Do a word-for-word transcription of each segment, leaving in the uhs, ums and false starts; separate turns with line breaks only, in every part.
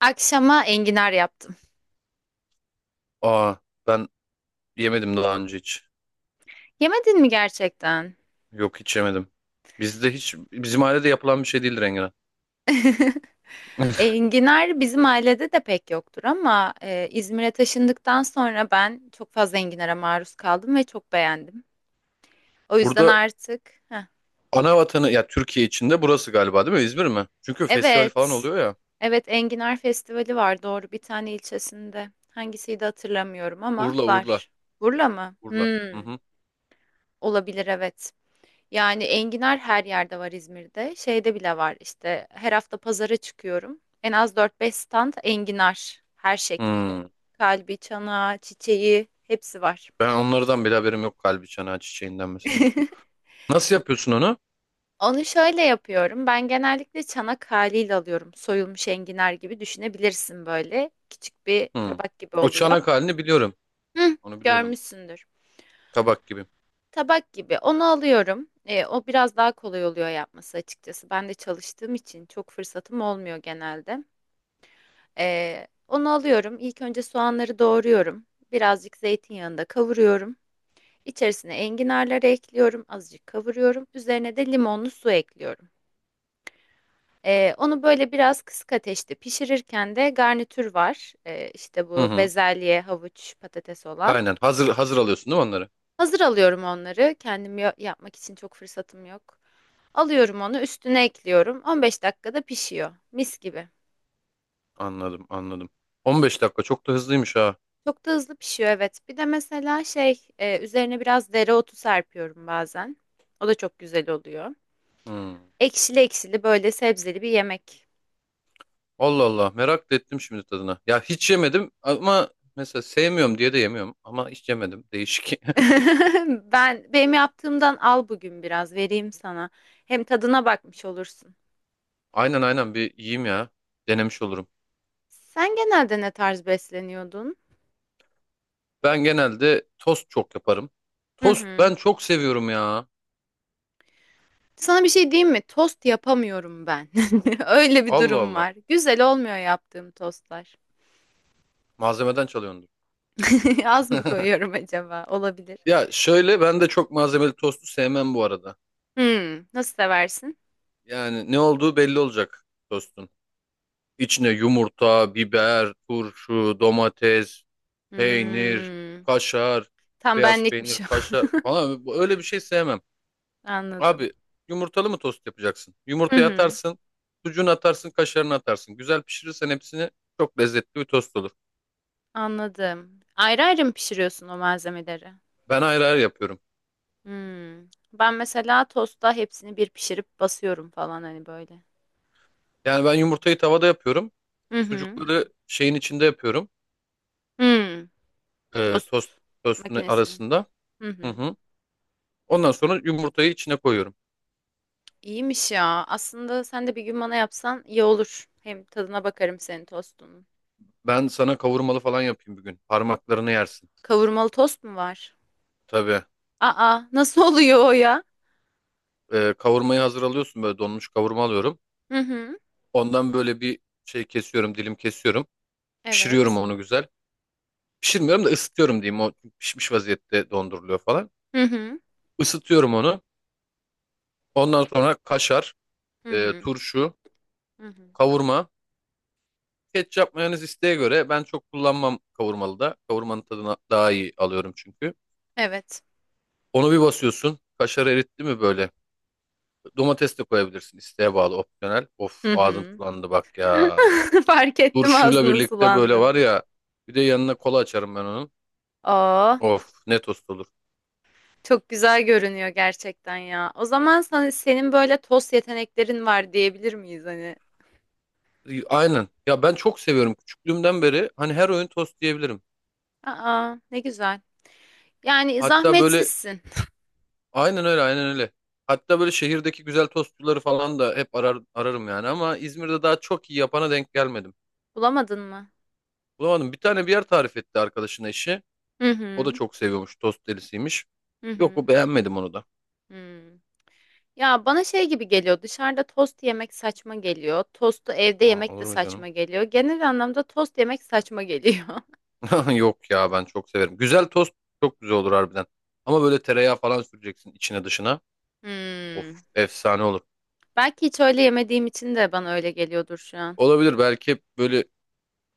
Akşama enginar yaptım.
Aa ben yemedim daha önce hiç.
Yemedin mi gerçekten?
Yok hiç yemedim. Bizde hiç bizim ailede yapılan bir şey değildir enginar.
Enginar bizim ailede de pek yoktur ama e, İzmir'e taşındıktan sonra ben çok fazla enginara maruz kaldım ve çok beğendim. O yüzden
Burada
artık Heh.
ana vatanı ya, Türkiye içinde burası galiba, değil mi? İzmir mi? Çünkü festival falan
Evet.
oluyor ya.
Evet Enginar Festivali var, doğru, bir tane ilçesinde. Hangisiydi hatırlamıyorum ama
Urla Urla
var. Burla mı?
Urla. Hı
Hmm,
hı.
olabilir evet. Yani enginar her yerde var İzmir'de. Şeyde bile var işte, her hafta pazara çıkıyorum. En az dört beş stand enginar her şekliyle.
Hmm.
Kalbi, çanağı, çiçeği hepsi var.
Ben onlardan bile haberim yok, kalbi çanağı çiçeğinden mesela. Nasıl yapıyorsun onu?
Onu şöyle yapıyorum. Ben genellikle çanak haliyle alıyorum. Soyulmuş enginar gibi düşünebilirsin böyle. Küçük bir
Hmm.
tabak gibi
O
oluyor.
çanak halini biliyorum.
Hı,
Onu biliyorum.
görmüşsündür.
Tabak gibi.
Tabak gibi. Onu alıyorum. E, o biraz daha kolay oluyor yapması açıkçası. Ben de çalıştığım için çok fırsatım olmuyor genelde. Ee, onu alıyorum. İlk önce soğanları doğruyorum. Birazcık zeytinyağında kavuruyorum. İçerisine enginarları ekliyorum. Azıcık kavuruyorum. Üzerine de limonlu su ekliyorum. Ee, onu böyle biraz kısık ateşte pişirirken de garnitür var. Ee, işte
Hı
bu
hı.
bezelye, havuç, patates olan.
Aynen. Hazır hazır alıyorsun değil mi onları?
Hazır alıyorum onları. Kendim ya- yapmak için çok fırsatım yok. Alıyorum onu, üstüne ekliyorum. on beş dakikada pişiyor. Mis gibi.
Anladım, anladım. 15 dakika çok da hızlıymış ha.
Çok da hızlı pişiyor, evet. Bir de mesela şey e, üzerine biraz dereotu serpiyorum bazen. O da çok güzel oluyor.
Hmm.
Ekşili ekşili böyle sebzeli bir yemek.
Allah Allah, merak da ettim şimdi tadına. Ya hiç yemedim ama mesela sevmiyorum diye de yemiyorum, ama hiç yemedim. Değişik.
Ben benim yaptığımdan al, bugün biraz vereyim sana. Hem tadına bakmış olursun.
Aynen aynen, bir yiyeyim ya. Denemiş olurum.
Sen genelde ne tarz besleniyordun?
Ben genelde tost çok yaparım.
Hı
Tost
hı.
ben çok seviyorum ya.
Sana bir şey diyeyim mi? Tost yapamıyorum ben. Öyle bir
Allah
durum
Allah.
var. Güzel olmuyor yaptığım tostlar.
Malzemeden çalıyordur.
Az mı koyuyorum acaba? Olabilir.
Ya şöyle, ben de çok malzemeli tostu sevmem bu arada.
Hmm, nasıl seversin?
Yani ne olduğu belli olacak tostun. İçine yumurta, biber, turşu, domates, peynir,
Hmm,
kaşar,
tam
beyaz peynir,
benlikmiş o.
kaşar falan, öyle bir şey sevmem.
Anladım.
Abi yumurtalı mı tost yapacaksın?
Hı
Yumurtayı
hı,
atarsın, sucuğunu atarsın, kaşarını atarsın. Güzel pişirirsen hepsini, çok lezzetli bir tost olur.
anladım. Ayrı ayrı mı pişiriyorsun o malzemeleri?
Ben ayrı ayrı yapıyorum.
Hmm. Ben mesela tostta hepsini bir pişirip basıyorum falan, hani böyle.
Yani ben yumurtayı tavada yapıyorum.
Hı hı.
Sucukları şeyin içinde yapıyorum.
Hmm,
Ee, tost
Tost
tostun
makinesinin.
arasında.
Hı
Hı
hı.
hı. Ondan sonra yumurtayı içine koyuyorum.
İyiymiş ya. Aslında sen de bir gün bana yapsan iyi olur. Hem tadına bakarım senin tostunun.
Ben sana kavurmalı falan yapayım bir gün. Parmaklarını yersin.
Kavurmalı tost mu var?
Tabii.
Aa, nasıl oluyor o ya?
Ee, kavurmayı hazır alıyorsun, böyle donmuş kavurma alıyorum.
Hı hı.
Ondan böyle bir şey kesiyorum, dilim kesiyorum. Pişiriyorum
Evet.
onu güzel. Pişirmiyorum da ısıtıyorum diyeyim. O pişmiş vaziyette donduruluyor falan.
Hı hı.
Isıtıyorum onu. Ondan sonra kaşar,
Hı
e,
hı.
turşu,
Hı hı.
kavurma. Ketçap mayonez isteğe göre, ben çok kullanmam kavurmalı da. Kavurmanın tadını daha iyi alıyorum çünkü.
Evet.
Onu bir basıyorsun. Kaşarı eritti mi böyle? Domates de koyabilirsin, isteğe bağlı, opsiyonel. Of,
Hı
ağzım
hı.
sulandı bak ya.
Fark ettim
Turşuyla
ağzının
birlikte böyle var
sulandığını.
ya. Bir de yanına kola açarım ben onun.
Aa,
Of, ne tost olur.
çok güzel görünüyor gerçekten ya. O zaman sana, senin böyle tost yeteneklerin var diyebilir miyiz hani?
E, Aynen. Ya ben çok seviyorum. Küçüklüğümden beri hani her oyun tost diyebilirim.
Aa, ne güzel. Yani
Hatta böyle
zahmetsizsin.
aynen öyle, aynen öyle. Hatta böyle şehirdeki güzel tostçuları falan da hep arar, ararım yani, ama İzmir'de daha çok iyi yapana denk gelmedim.
Bulamadın mı?
Bulamadım. Bir tane bir yer tarif etti arkadaşına eşi.
Hı
O da
hı.
çok seviyormuş. Tost delisiymiş.
Hı
Yok,
hı.
o beğenmedim onu da.
hı. Ya bana şey gibi geliyor. Dışarıda tost yemek saçma geliyor. Tostu evde
Aa,
yemek de
olur mu canım?
saçma geliyor. Genel anlamda tost yemek saçma geliyor.
Yok ya, ben çok severim. Güzel tost çok güzel olur harbiden. Ama böyle tereyağı falan süreceksin içine dışına.
Hmm.
Of, efsane olur.
Belki hiç öyle yemediğim için de bana öyle geliyordur şu an.
Olabilir, belki böyle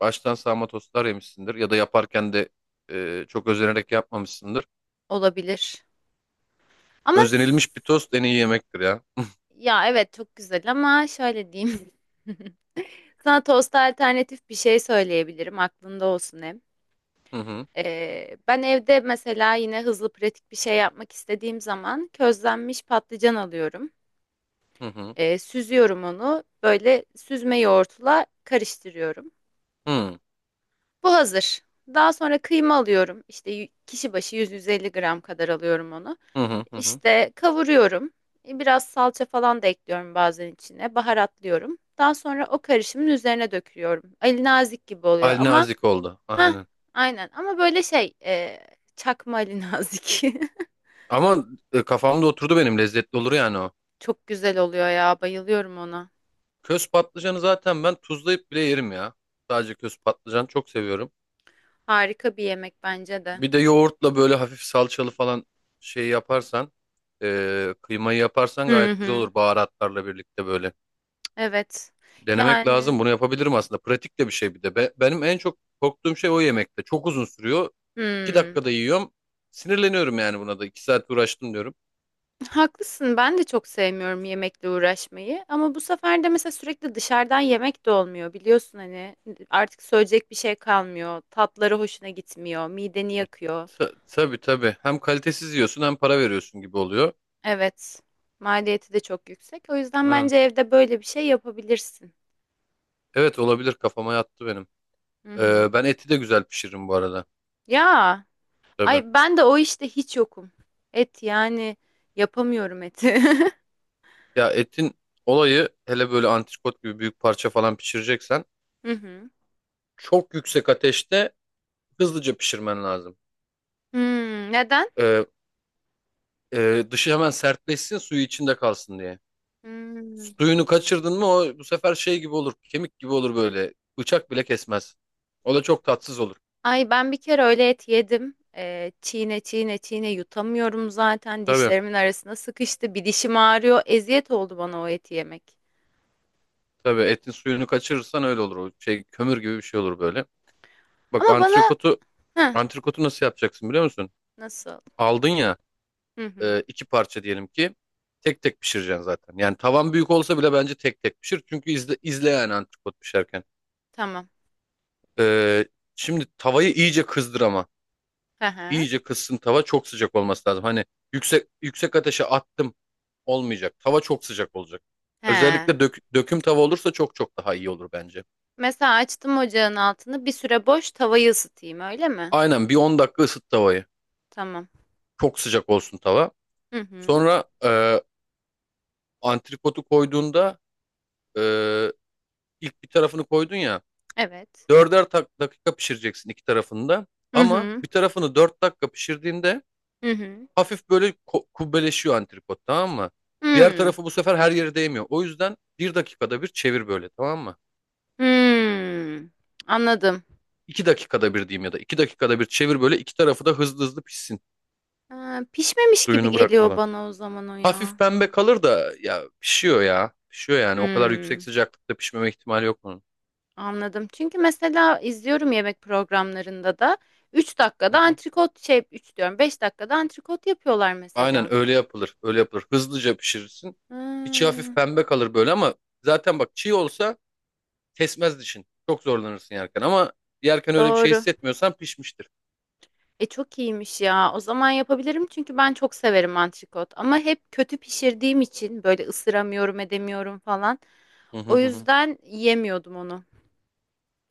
baştan sağma tostlar yemişsindir, ya da yaparken de e, çok özenerek yapmamışsındır.
Olabilir. Ama s-
Özenilmiş bir tost en iyi yemektir ya.
ya evet, çok güzel ama şöyle diyeyim. Sana tosta alternatif bir şey söyleyebilirim. Aklında olsun hem.
Hı hı
Ee, ben evde mesela yine hızlı pratik bir şey yapmak istediğim zaman közlenmiş patlıcan alıyorum.
hı hı
Ee, süzüyorum onu. Böyle süzme yoğurtla karıştırıyorum.
hı
Bu hazır. Daha sonra kıyma alıyorum. İşte y- kişi başı yüz yüz elli gram kadar alıyorum onu.
hı hı. Hı hı.
İşte kavuruyorum. E, Biraz salça falan da ekliyorum bazen içine. Baharatlıyorum. Daha sonra o karışımın üzerine döküyorum. Ali nazik gibi oluyor
Al
ama
nazik oldu
ha,
aynen.
aynen ama böyle şey e, çakma Ali nazik.
Ama e, kafamda oturdu benim, lezzetli olur yani o.
Çok güzel oluyor ya. Bayılıyorum ona.
Köz patlıcanı zaten ben tuzlayıp bile yerim ya. Sadece köz patlıcan çok seviyorum.
Harika bir yemek bence de.
Bir de yoğurtla böyle hafif salçalı falan şey yaparsan, e, kıymayı yaparsan
Hı
gayet güzel
hı.
olur baharatlarla birlikte böyle.
Evet.
Denemek
Yani
lazım. Bunu yapabilirim aslında. Pratik de bir şey bir de. Be- benim en çok korktuğum şey o yemekte. Çok uzun sürüyor. İki
hmm.
dakikada yiyorum. Sinirleniyorum yani buna da. İki saat uğraştım diyorum.
Haklısın. Ben de çok sevmiyorum yemekle uğraşmayı. Ama bu sefer de mesela sürekli dışarıdan yemek de olmuyor. Biliyorsun hani artık söyleyecek bir şey kalmıyor. Tatları hoşuna gitmiyor. Mideni yakıyor.
Ta- tabii tabii. Hem kalitesiz yiyorsun hem para veriyorsun gibi oluyor.
Evet. Maliyeti de çok yüksek. O yüzden
Ha.
bence evde böyle bir şey yapabilirsin.
Evet, olabilir. Kafama yattı benim.
Hı hı.
Ee, ben eti de güzel pişiririm bu arada.
Ya.
Tabii.
Ay ben de o işte hiç yokum. Et, yani yapamıyorum eti.
Ya etin olayı, hele böyle antrikot gibi büyük parça falan pişireceksen,
Hı hı.
çok yüksek ateşte hızlıca pişirmen lazım.
Hmm, neden?
Ee, e, dışı hemen sertleşsin, suyu içinde kalsın diye.
Hmm.
Suyunu kaçırdın mı o, bu sefer şey gibi olur. Kemik gibi olur böyle. Bıçak bile kesmez. O da çok tatsız olur.
Ay ben bir kere öyle et yedim. Ee, çiğne çiğne çiğne yutamıyorum zaten.
Tabii.
Dişlerimin arasına sıkıştı. Bir dişim ağrıyor. Eziyet oldu bana o eti yemek.
Tabii etin suyunu kaçırırsan öyle olur. O şey kömür gibi bir şey olur böyle. Bak
Ama bana
antrikotu
Heh,
antrikotu nasıl yapacaksın biliyor musun?
nasıl?
Aldın ya,
Hı
e,
hı.
iki parça diyelim ki, tek tek pişireceksin zaten. Yani tavan büyük olsa bile bence tek tek pişir. Çünkü izle, izle yani antrikot pişerken.
Tamam.
E, şimdi tavayı iyice kızdır ama.
Hı hı.
İyice kızsın tava, çok sıcak olması lazım. Hani yüksek yüksek ateşe attım. Olmayacak. Tava çok sıcak olacak.
He.
Özellikle dök- döküm tava olursa çok çok daha iyi olur bence.
Mesela açtım ocağın altını. Bir süre boş tavayı ısıtayım öyle mi?
Aynen, bir 10 dakika ısıt tavayı.
Tamam.
Çok sıcak olsun tava.
Hı hı.
Sonra e, antrikotu koyduğunda, e, ilk bir tarafını koydun ya.
Evet.
Dörder tak- dakika pişireceksin iki tarafını da.
Hı
Ama
hı.
bir tarafını dört dakika pişirdiğinde,
Hı hı.
hafif böyle ko- kubbeleşiyor antrikot, tamam mı? Diğer
Hmm.
tarafı bu sefer her yere değmiyor. O yüzden bir dakikada bir çevir böyle, tamam mı?
Hmm. Anladım.
İki dakikada bir diyeyim, ya da iki dakikada bir çevir böyle, iki tarafı da hızlı hızlı pişsin.
Ha, pişmemiş gibi
Suyunu
geliyor
bırakmadan.
bana o zaman o
Hafif
ya.
pembe kalır da ya, pişiyor ya. Pişiyor yani. O kadar yüksek
Hmm.
sıcaklıkta pişmeme ihtimali yok bunun.
Anladım. Çünkü mesela izliyorum yemek programlarında da üç
Hı
dakikada
hı.
antrikot şey üç diyorum, beş dakikada antrikot yapıyorlar mesela.
Aynen öyle yapılır. Öyle yapılır. Hızlıca pişirirsin. İçi hafif
Hmm,
pembe kalır böyle ama zaten bak, çiğ olsa kesmez dişin. Çok zorlanırsın yerken ama yerken öyle bir şey
doğru.
hissetmiyorsan pişmiştir.
E çok iyiymiş ya. O zaman yapabilirim, çünkü ben çok severim antrikot. Ama hep kötü pişirdiğim için böyle ısıramıyorum, edemiyorum falan.
Hı hı
O
hı. Hı.
yüzden yiyemiyordum onu.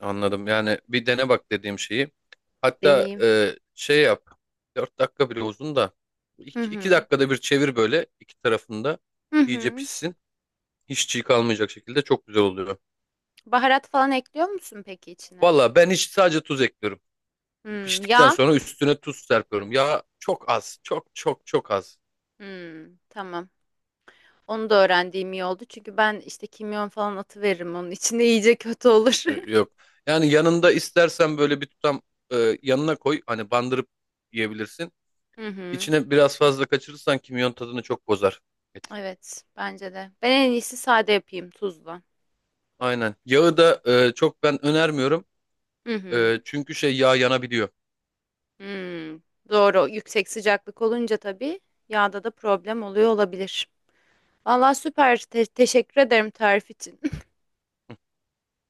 Anladım. Yani bir dene bak dediğim şeyi. Hatta
Deneyeyim.
e, şey yap. 4 dakika bile uzun da,
Hı
iki iki
hı.
dakikada bir çevir böyle, iki tarafında
Hı
iyice
hı.
pişsin. Hiç çiğ kalmayacak şekilde çok güzel oluyor.
Baharat falan ekliyor musun peki içine?
Valla ben hiç sadece tuz ekliyorum.
Hmm,
Piştikten
yağ.
sonra üstüne tuz serpiyorum. Ya çok az, çok çok çok az.
Hmm, tamam. Onu da öğrendiğim iyi oldu. Çünkü ben işte kimyon falan atıveririm onun içinde iyice kötü olur.
Ee, Yok. Yani yanında istersen böyle bir tutam, e, yanına koy. Hani bandırıp yiyebilirsin.
Hı hı.
İçine biraz fazla kaçırırsan kimyon tadını çok bozar. Et.
Evet, bence de. Ben en iyisi sade yapayım tuzla.
Aynen. Yağı da e, çok ben önermiyorum.
Hı
E,
hı.
çünkü şey yağ yanabiliyor.
Hmm. Doğru. Yüksek sıcaklık olunca tabii yağda da problem oluyor olabilir. Vallahi süper. Te- teşekkür ederim tarif için.